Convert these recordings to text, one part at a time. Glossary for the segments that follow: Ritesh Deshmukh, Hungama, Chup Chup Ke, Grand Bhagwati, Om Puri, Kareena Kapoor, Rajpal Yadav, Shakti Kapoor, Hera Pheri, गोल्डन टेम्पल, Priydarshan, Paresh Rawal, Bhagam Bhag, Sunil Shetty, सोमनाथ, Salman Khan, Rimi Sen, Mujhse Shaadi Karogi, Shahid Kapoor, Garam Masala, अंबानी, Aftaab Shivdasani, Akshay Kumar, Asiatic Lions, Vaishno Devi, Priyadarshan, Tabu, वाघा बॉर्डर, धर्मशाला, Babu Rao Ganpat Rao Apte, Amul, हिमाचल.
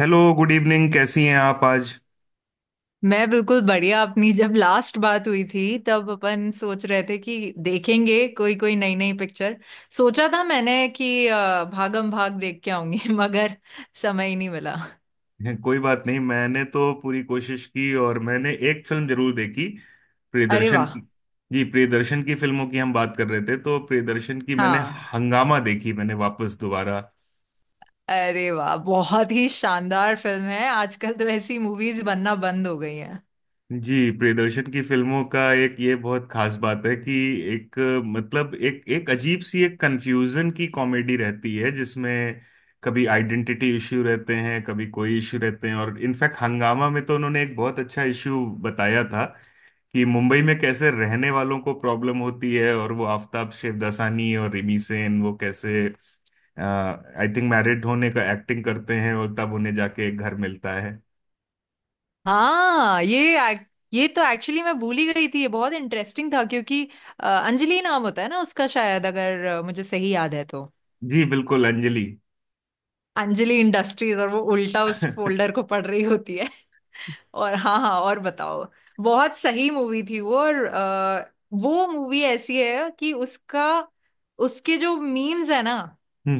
Hello good evening, कैसी हैं आप आज? मैं बिल्कुल बढ़िया अपनी। जब लास्ट बात हुई थी तब अपन सोच रहे थे कि देखेंगे कोई कोई नई नई पिक्चर। सोचा था मैंने कि भागम भाग देख के आऊंगी मगर समय ही नहीं मिला। कोई बात नहीं, मैंने तो पूरी कोशिश की और मैंने एक फिल्म जरूर देखी, अरे प्रियदर्शन वाह। की। जी, प्रियदर्शन की फिल्मों की हम बात कर रहे थे तो प्रियदर्शन की मैंने हाँ। हंगामा देखी, मैंने वापस दोबारा। अरे वाह, बहुत ही शानदार फिल्म है। आजकल तो ऐसी मूवीज बनना बंद हो गई हैं। जी, प्रियदर्शन की फिल्मों का एक ये बहुत खास बात है कि एक, मतलब एक एक अजीब सी एक कंफ्यूजन की कॉमेडी रहती है जिसमें कभी आइडेंटिटी इश्यू रहते हैं, कभी कोई इश्यू रहते हैं। और इनफैक्ट हंगामा में तो उन्होंने एक बहुत अच्छा इश्यू बताया था कि मुंबई में कैसे रहने वालों को प्रॉब्लम होती है, और वो आफताब शिवदासानी और रिमी सेन वो कैसे आई थिंक मैरिड होने का एक्टिंग करते हैं और तब उन्हें जाके एक घर मिलता है। हाँ, ये तो एक्चुअली मैं भूल ही गई थी। ये बहुत इंटरेस्टिंग था, क्योंकि अंजलि नाम होता है ना उसका, शायद, अगर मुझे सही याद है तो। जी बिल्कुल, अंजलि। अंजलि इंडस्ट्रीज, और वो उल्टा उस हम्म। फोल्डर को पढ़ रही होती है। और हाँ, हाँ, और बताओ। बहुत सही मूवी थी वो। और वो मूवी ऐसी है कि उसका उसके जो मीम्स है ना,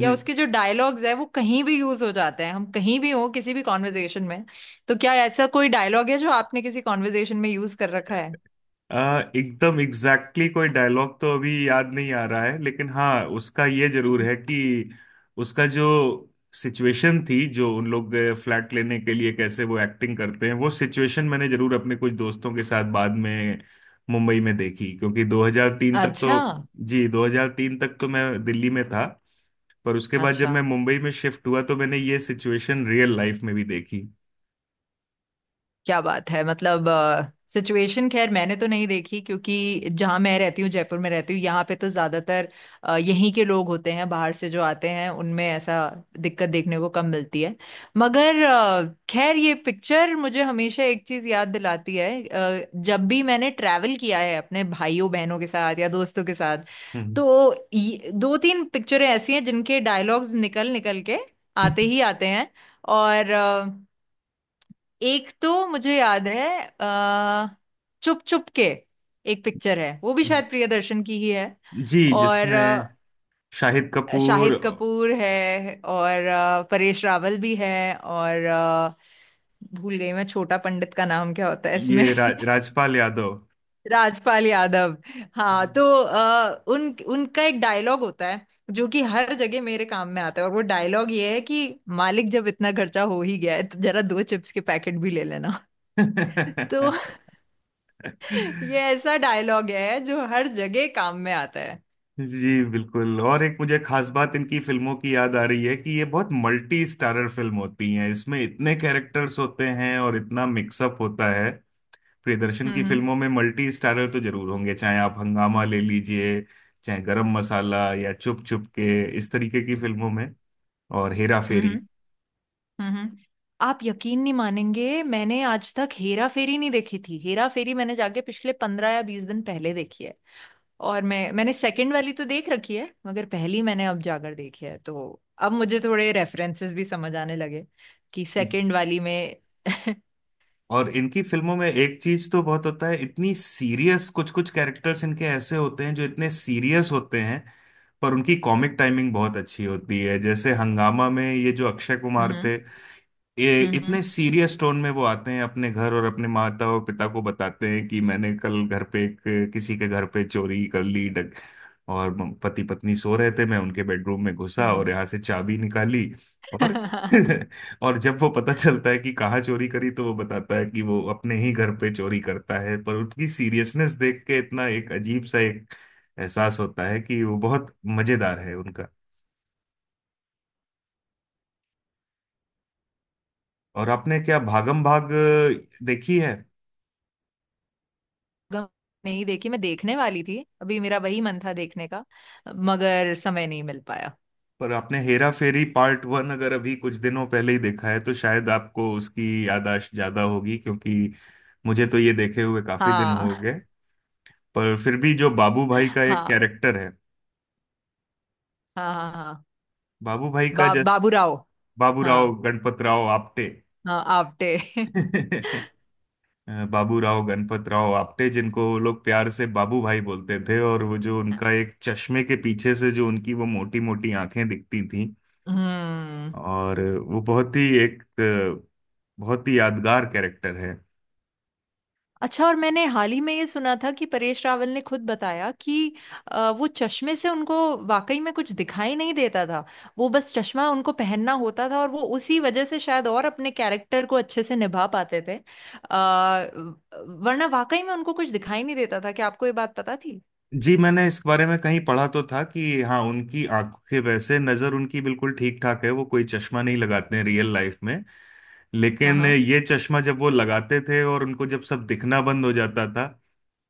या उसके जो डायलॉग्स है वो कहीं भी यूज हो जाते हैं। हम कहीं भी हो, किसी भी कॉन्वर्जेशन में। तो क्या ऐसा कोई डायलॉग है जो आपने किसी कॉन्वर्जेशन में यूज कर रखा है? एकदम एग्जैक्टली exactly कोई डायलॉग तो अभी याद नहीं आ रहा है, लेकिन हाँ, उसका ये जरूर है कि उसका जो सिचुएशन थी जो उन लोग फ्लैट लेने के लिए कैसे वो एक्टिंग करते हैं, वो सिचुएशन मैंने जरूर अपने कुछ दोस्तों के साथ बाद में मुंबई में देखी, क्योंकि 2003 तक अच्छा, तो, जी 2003 तक तो मैं दिल्ली में था। पर उसके बाद जब अच्छा। मैं मुंबई में शिफ्ट हुआ तो मैंने ये सिचुएशन रियल लाइफ में भी देखी। क्या बात है। मतलब सिचुएशन, खैर मैंने तो नहीं देखी, क्योंकि जहाँ मैं रहती हूँ, जयपुर में रहती हूँ, यहाँ पे तो ज्यादातर यहीं के लोग होते हैं। बाहर से जो आते हैं उनमें ऐसा दिक्कत देखने को कम मिलती है। मगर, खैर, ये पिक्चर मुझे हमेशा एक चीज याद दिलाती है। जब भी मैंने ट्रैवल किया है अपने भाइयों बहनों के साथ या दोस्तों के साथ, तो 2 3 पिक्चरें ऐसी हैं जिनके डायलॉग्स निकल निकल के आते हम्म। ही आते हैं। और एक तो मुझे याद है, अ चुप चुप के, एक पिक्चर है, वो भी शायद प्रियदर्शन की ही है। जी, और जिसमें शाहिद कपूर। शाहिद कपूर है, और परेश रावल भी है, और भूल गई मैं छोटा पंडित का नाम क्या होता है इसमें। ये राजपाल यादव। राजपाल यादव। हाँ, तो उन उनका एक डायलॉग होता है जो कि हर जगह मेरे काम में आता है। और वो डायलॉग ये है कि, मालिक, जब इतना खर्चा हो ही गया है तो जरा दो चिप्स के पैकेट भी ले लेना। तो ये ऐसा डायलॉग है जो हर जगह काम में आता है। जी बिल्कुल। और एक मुझे खास बात इनकी फिल्मों की याद आ रही है कि ये बहुत मल्टी स्टारर फिल्म होती हैं, इसमें इतने कैरेक्टर्स होते हैं और इतना मिक्सअप होता है। प्रियदर्शन की हम्म, फिल्मों में मल्टी स्टारर तो जरूर होंगे, चाहे आप हंगामा ले लीजिए, चाहे गरम मसाला या चुप चुप के, इस तरीके की फिल्मों में। और हेरा हम्म, फेरी। हम्म। आप यकीन नहीं मानेंगे, मैंने आज तक हेरा फेरी नहीं देखी थी। हेरा फेरी मैंने जाके पिछले 15 या 20 दिन पहले देखी है। और मैंने सेकंड वाली तो देख रखी है, मगर पहली मैंने अब जाकर देखी है। तो अब मुझे थोड़े रेफरेंसेस भी समझ आने लगे कि सेकंड वाली में। और इनकी फिल्मों में एक चीज तो बहुत होता है, इतनी सीरियस कुछ कुछ कैरेक्टर्स इनके ऐसे होते हैं जो इतने सीरियस होते हैं, पर उनकी कॉमिक टाइमिंग बहुत अच्छी होती है। जैसे हंगामा में ये जो अक्षय कुमार हम्म, थे, ये हम्म, इतने सीरियस टोन में वो आते हैं अपने घर और अपने माता और पिता को बताते हैं कि मैंने कल घर पे एक, किसी के घर पे चोरी कर ली डक, और पति पत्नी सो रहे थे, मैं उनके बेडरूम में घुसा और हम्म। यहाँ से चाबी निकाली और हम्म। और जब वो पता चलता है कि कहाँ चोरी करी, तो वो बताता है कि वो अपने ही घर पे चोरी करता है। पर उनकी सीरियसनेस देख के इतना एक अजीब सा एक एहसास होता है कि वो बहुत मजेदार है उनका। और आपने क्या भागम भाग देखी है? गम नहीं देखी, मैं देखने वाली थी। अभी मेरा वही मन था देखने का, मगर समय नहीं मिल पाया। पर आपने हेरा फेरी पार्ट वन अगर अभी कुछ दिनों पहले ही देखा है तो शायद आपको उसकी याददाश्त ज्यादा होगी, क्योंकि मुझे तो ये देखे हुए काफी दिन हो हाँ, गए। पर फिर भी जो बाबू भाई का एक हाँ, कैरेक्टर है, हाँ, हाँ, हाँ। बाबू भाई का जस बाबू राव। बाबू राव हाँ, गणपत राव आपटे। हाँ, आपटे। बाबू राव गणपत राव आपटे, जिनको वो लोग प्यार से बाबू भाई बोलते थे, और वो जो उनका एक चश्मे के पीछे से जो उनकी वो मोटी मोटी आंखें दिखती थी, हम्म। और वो बहुत ही एक अ, बहुत ही यादगार कैरेक्टर है। अच्छा। और मैंने हाल ही में ये सुना था कि परेश रावल ने खुद बताया कि वो चश्मे से उनको वाकई में कुछ दिखाई नहीं देता था। वो बस चश्मा उनको पहनना होता था, और वो उसी वजह से शायद और अपने कैरेक्टर को अच्छे से निभा पाते थे। वरना वाकई में उनको कुछ दिखाई नहीं देता था। क्या आपको ये बात पता थी? जी, मैंने इस बारे में कहीं पढ़ा तो था कि हाँ, उनकी आंखें, वैसे नज़र उनकी बिल्कुल ठीक ठाक है, वो कोई चश्मा नहीं लगाते हैं रियल लाइफ में। हाँ, लेकिन हाँ। ये चश्मा जब वो लगाते थे और उनको जब सब दिखना बंद हो जाता था,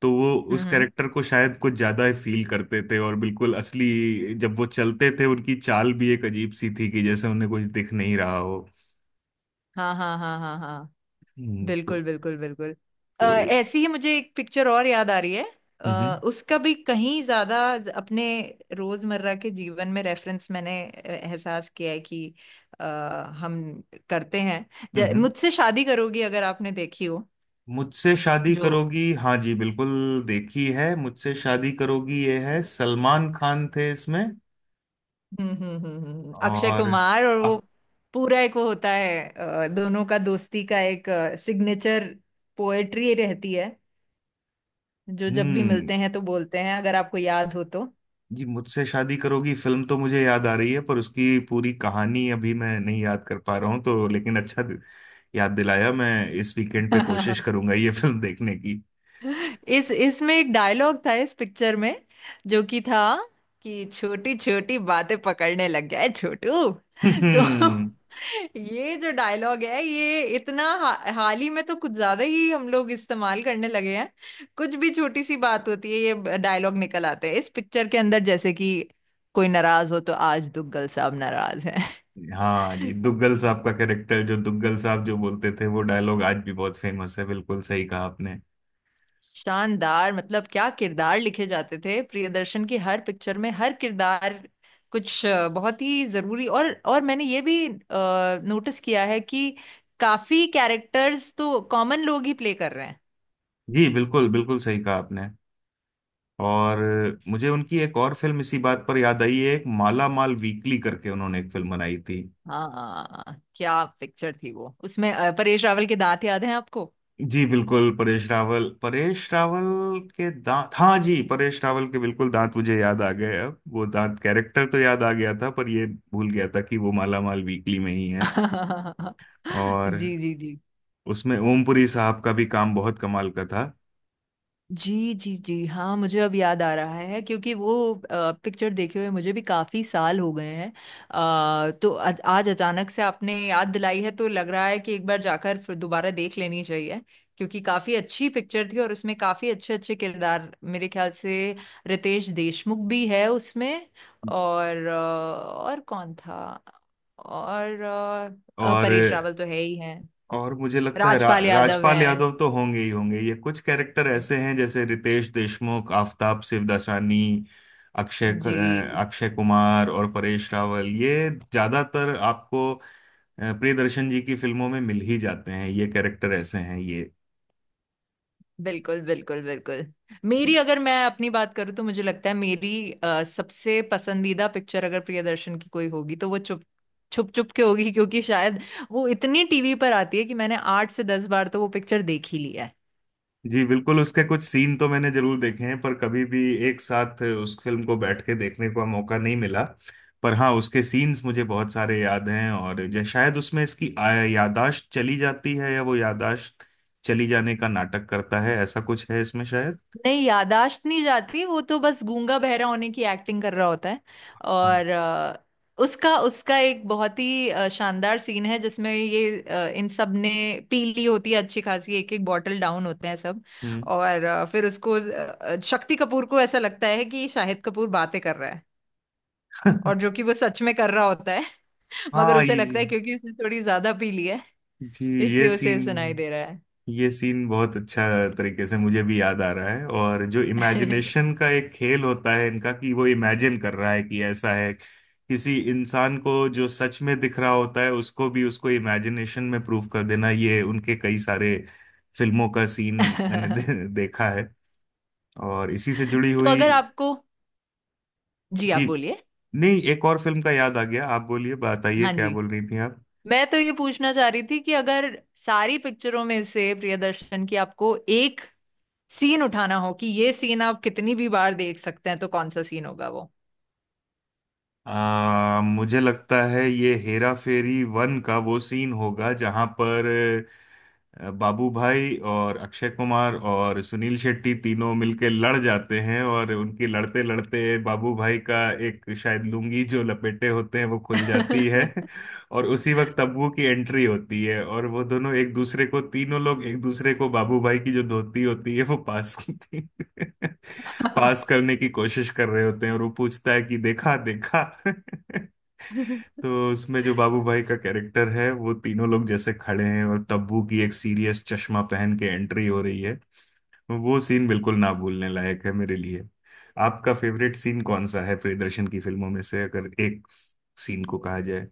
तो वो हम्म, उस हम्म। कैरेक्टर को शायद कुछ ज़्यादा फील करते थे। और बिल्कुल असली जब वो चलते थे, उनकी चाल भी एक अजीब सी थी कि जैसे उन्हें कुछ दिख नहीं रहा हो। हाँ, हाँ, हाँ, हाँ, हाँ। हम्म, तो, बिल्कुल, बिल्कुल, बिल्कुल। तो हम्म ऐसी ही मुझे एक पिक्चर और याद आ रही है। उसका भी कहीं ज्यादा अपने रोजमर्रा के जीवन में रेफरेंस मैंने एहसास किया है कि अ, हम करते हैं। हम्म हम्म। मुझसे शादी करोगी, अगर आपने देखी हो। मुझसे शादी जो। करोगी, हाँ जी बिल्कुल देखी है। मुझसे शादी करोगी, ये है, सलमान खान थे इसमें हम्म, हम्म, हम्म, अक्षय और कुमार, और वो अब। पूरा एक वो होता है, दोनों का दोस्ती का एक सिग्नेचर, पोएट्री रहती है, जो जब भी हम्म। मिलते हैं तो बोलते हैं, अगर आपको याद हो तो। जी, मुझसे शादी करोगी फिल्म तो मुझे याद आ रही है, पर उसकी पूरी कहानी अभी मैं नहीं याद कर पा रहा हूँ तो। लेकिन अच्छा याद दिलाया, मैं इस वीकेंड पे कोशिश करूंगा ये फिल्म देखने की। इस इसमें एक डायलॉग था इस पिक्चर में, जो कि था कि छोटी छोटी बातें पकड़ने लग गया है छोटू। तो हम्म। ये जो डायलॉग है ये इतना, हाल ही में तो कुछ ज्यादा ही हम लोग इस्तेमाल करने लगे हैं। कुछ भी छोटी सी बात होती है, ये डायलॉग निकल आते हैं इस पिक्चर के अंदर, जैसे कि कोई नाराज हो तो, आज दुग्गल साहब नाराज हाँ जी, हैं। दुग्गल साहब का कैरेक्टर, जो दुग्गल साहब जो बोलते थे वो डायलॉग आज भी बहुत फेमस है, बिल्कुल सही कहा आपने। शानदार, मतलब क्या किरदार लिखे जाते थे प्रियदर्शन की हर पिक्चर में। हर किरदार कुछ बहुत ही जरूरी, और मैंने ये भी नोटिस किया है कि काफी कैरेक्टर्स तो कॉमन लोग ही प्ले कर रहे हैं। जी बिल्कुल, बिल्कुल सही कहा आपने। और मुझे उनकी एक और फिल्म इसी बात पर याद आई है, एक माला माल वीकली करके उन्होंने एक फिल्म बनाई थी। हाँ, क्या पिक्चर थी वो। उसमें परेश रावल के दांत याद हैं आपको? जी बिल्कुल, परेश रावल, परेश रावल के दांत, हाँ जी, परेश रावल के बिल्कुल दांत मुझे याद आ गए। अब वो दांत कैरेक्टर तो याद आ गया था पर ये भूल गया था कि वो माला माल वीकली में ही है। और जी, जी, जी। उसमें ओमपुरी साहब का भी काम बहुत कमाल का था। जी, जी, जी। हाँ, मुझे अब याद आ रहा है, क्योंकि वो पिक्चर देखे हुए मुझे भी काफी साल हो गए हैं। तो आज आज अचानक से आपने याद दिलाई है तो लग रहा है कि एक बार जाकर फिर दोबारा देख लेनी चाहिए, क्योंकि काफी अच्छी पिक्चर थी और उसमें काफी अच्छे अच्छे किरदार, मेरे ख्याल से रितेश देशमुख भी है उसमें। और और कौन था। और और परेश रावल तो है ही है। और मुझे लगता है राजपाल यादव राजपाल है। यादव तो होंगे ही होंगे। ये कुछ कैरेक्टर ऐसे हैं, जैसे रितेश देशमुख, आफताब शिवदासानी, जी, अक्षय कुमार और परेश रावल, ये ज्यादातर आपको अ, प्रियदर्शन जी की फिल्मों में मिल ही जाते हैं। ये कैरेक्टर ऐसे हैं ये। बिल्कुल, बिल्कुल, बिल्कुल। मेरी, अगर मैं अपनी बात करूँ तो मुझे लगता है मेरी सबसे पसंदीदा पिक्चर अगर प्रियदर्शन की कोई होगी तो वो चुप छुप छुप के होगी, क्योंकि शायद वो इतनी टीवी पर आती है कि मैंने 8 से 10 बार तो वो पिक्चर देख ही लिया। जी बिल्कुल, उसके कुछ सीन तो मैंने जरूर देखे हैं पर कभी भी एक साथ उस फिल्म को बैठ के देखने का मौका नहीं मिला। पर हाँ, उसके सीन्स मुझे बहुत सारे याद हैं, और शायद उसमें यादाश्त चली जाती है, या वो यादाश्त चली जाने का नाटक करता है, ऐसा कुछ है इसमें शायद। नहीं, यादाश्त नहीं जाती, वो तो बस गूंगा बहरा होने की एक्टिंग कर रहा होता है। हाँ। और उसका उसका एक बहुत ही शानदार सीन है, जिसमें ये इन सब ने पी ली होती है अच्छी खासी, एक एक बॉटल डाउन होते हैं सब। हम्म। और फिर उसको, शक्ति कपूर को ऐसा लगता है कि शाहिद कपूर बातें कर रहा है, और जो कि वो सच में कर रहा होता है। मगर हाँ उसे ये, जी लगता है क्योंकि उसने थोड़ी ज्यादा पी ली है, जी। ये इसलिए उसे सुनाई सीन, दे रहा है। ये सीन बहुत अच्छा तरीके से मुझे भी याद आ रहा है। और जो इमेजिनेशन का एक खेल होता है इनका कि वो इमेजिन कर रहा है कि ऐसा है, किसी इंसान को जो सच में दिख रहा होता है उसको भी, उसको इमेजिनेशन में प्रूव कर देना, ये उनके कई सारे फिल्मों का सीन मैंने दे, देखा है। और इसी से जुड़ी तो हुई, अगर आपको। जी, आप जी बोलिए। नहीं, एक और फिल्म का याद आ गया। आप बोलिए, बताइए हाँ क्या जी, बोल रही थी आप। मैं तो ये पूछना चाह रही थी कि अगर सारी पिक्चरों में से प्रियदर्शन की आपको एक सीन उठाना हो कि ये सीन आप कितनी भी बार देख सकते हैं, तो कौन सा सीन होगा वो? मुझे लगता है ये हेरा फेरी वन का वो सीन होगा जहां पर बाबू भाई और अक्षय कुमार और सुनील शेट्टी तीनों मिलके लड़ जाते हैं और उनकी लड़ते लड़ते बाबू भाई का एक शायद लुंगी जो लपेटे होते हैं वो खुल जाती है और उसी वक्त तब्बू की एंट्री होती है, और वो दोनों एक दूसरे को, तीनों लोग एक दूसरे को बाबू भाई की जो धोती होती है वो पास करते हैं, पास करने की कोशिश कर रहे होते हैं। और वो पूछता है कि देखा देखा। तो उसमें जो बाबू भाई का कैरेक्टर है, वो तीनों लोग जैसे खड़े हैं और तब्बू की एक सीरियस चश्मा पहन के एंट्री हो रही है, वो सीन बिल्कुल ना भूलने लायक है मेरे लिए। आपका फेवरेट सीन कौन सा है प्रियदर्शन की फिल्मों में से, अगर एक सीन को कहा जाए?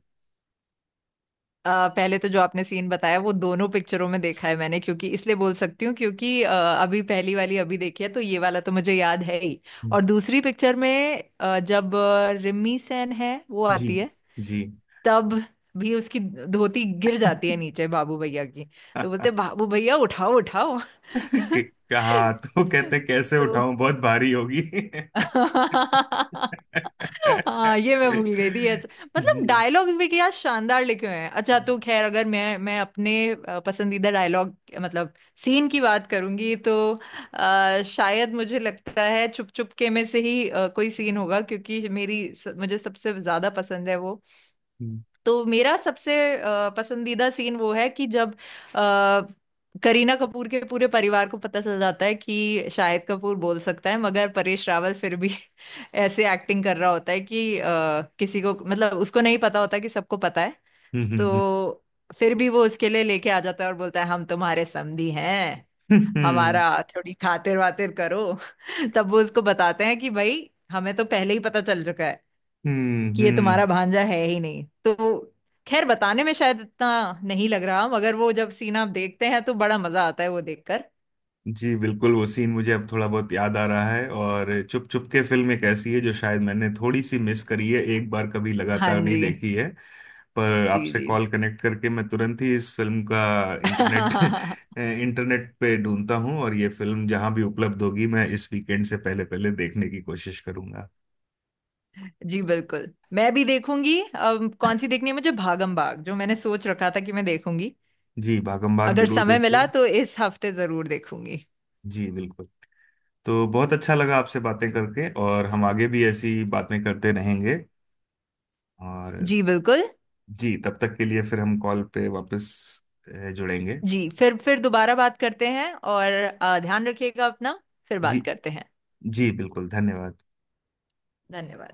पहले तो जो आपने सीन बताया, वो दोनों पिक्चरों में देखा है मैंने, क्योंकि, इसलिए बोल सकती हूँ क्योंकि अभी पहली वाली अभी देखी है, तो ये वाला तो मुझे याद है ही। और दूसरी पिक्चर में जब रिमी सेन है, वो जी। आती है जी। तब भी उसकी धोती गिर जाती है नीचे, बाबू भैया की। तो बोलते हैं, बाबू भैया, उठाओ उठाओ। कि- कहा तो कहते कैसे तो उठाऊं, बहुत भारी होगी। हाँ, ये मैं भूल गई थी, अच्छा। मतलब जी। डायलॉग्स भी क्या शानदार लिखे हुए हैं। अच्छा, तो खैर, अगर मैं अपने पसंदीदा डायलॉग, मतलब सीन की बात करूंगी, तो शायद मुझे लगता है चुप चुप के में से ही कोई सीन होगा, क्योंकि मेरी मुझे सबसे ज्यादा पसंद है वो। तो मेरा सबसे पसंदीदा सीन वो है कि जब करीना कपूर के पूरे परिवार को पता चल जाता है कि शाहिद कपूर बोल सकता है, मगर परेश रावल फिर भी ऐसे एक्टिंग कर रहा होता है कि किसी को, मतलब उसको नहीं पता होता कि सबको पता है। हम्म। हम्म। तो फिर भी वो उसके लिए लेके आ जाता है और बोलता है, हम तुम्हारे समधी हैं, हम्म। हमारा थोड़ी खातिर वातिर करो। तब वो उसको बताते हैं कि भाई, हमें तो पहले ही पता चल चुका है हम्म। कि ये हम्म। तुम्हारा भांजा है ही नहीं। तो खैर, बताने में शायद इतना नहीं लग रहा, मगर वो जब सीन आप देखते हैं तो बड़ा मजा आता है वो देखकर। जी बिल्कुल, वो सीन मुझे अब थोड़ा बहुत याद आ रहा है। और चुप चुप के फिल्म एक ऐसी है जो शायद मैंने थोड़ी सी मिस करी है, एक बार कभी हाँ, लगातार नहीं जी, देखी है। पर जी, आपसे जी। कॉल कनेक्ट करके मैं तुरंत ही इस फिल्म का इंटरनेट इंटरनेट पे ढूंढता हूँ, और ये फिल्म जहां भी उपलब्ध होगी मैं इस वीकेंड से पहले पहले देखने की कोशिश करूंगा। जी बिल्कुल, मैं भी देखूंगी। अब कौन सी देखनी है मुझे, भागम भाग जो मैंने सोच रखा था कि मैं देखूंगी, जी, भागम भाग अगर जरूर समय देखिए। मिला तो इस हफ्ते जरूर देखूंगी। जी बिल्कुल। तो बहुत अच्छा लगा आपसे बातें करके, और हम आगे भी ऐसी बातें करते रहेंगे। और जी बिल्कुल। जी, तब तक के लिए फिर हम कॉल पे वापस जुड़ेंगे। जी, फिर दोबारा बात करते हैं, और ध्यान रखिएगा अपना। फिर जी। बात करते हैं। जी बिल्कुल, धन्यवाद। धन्यवाद।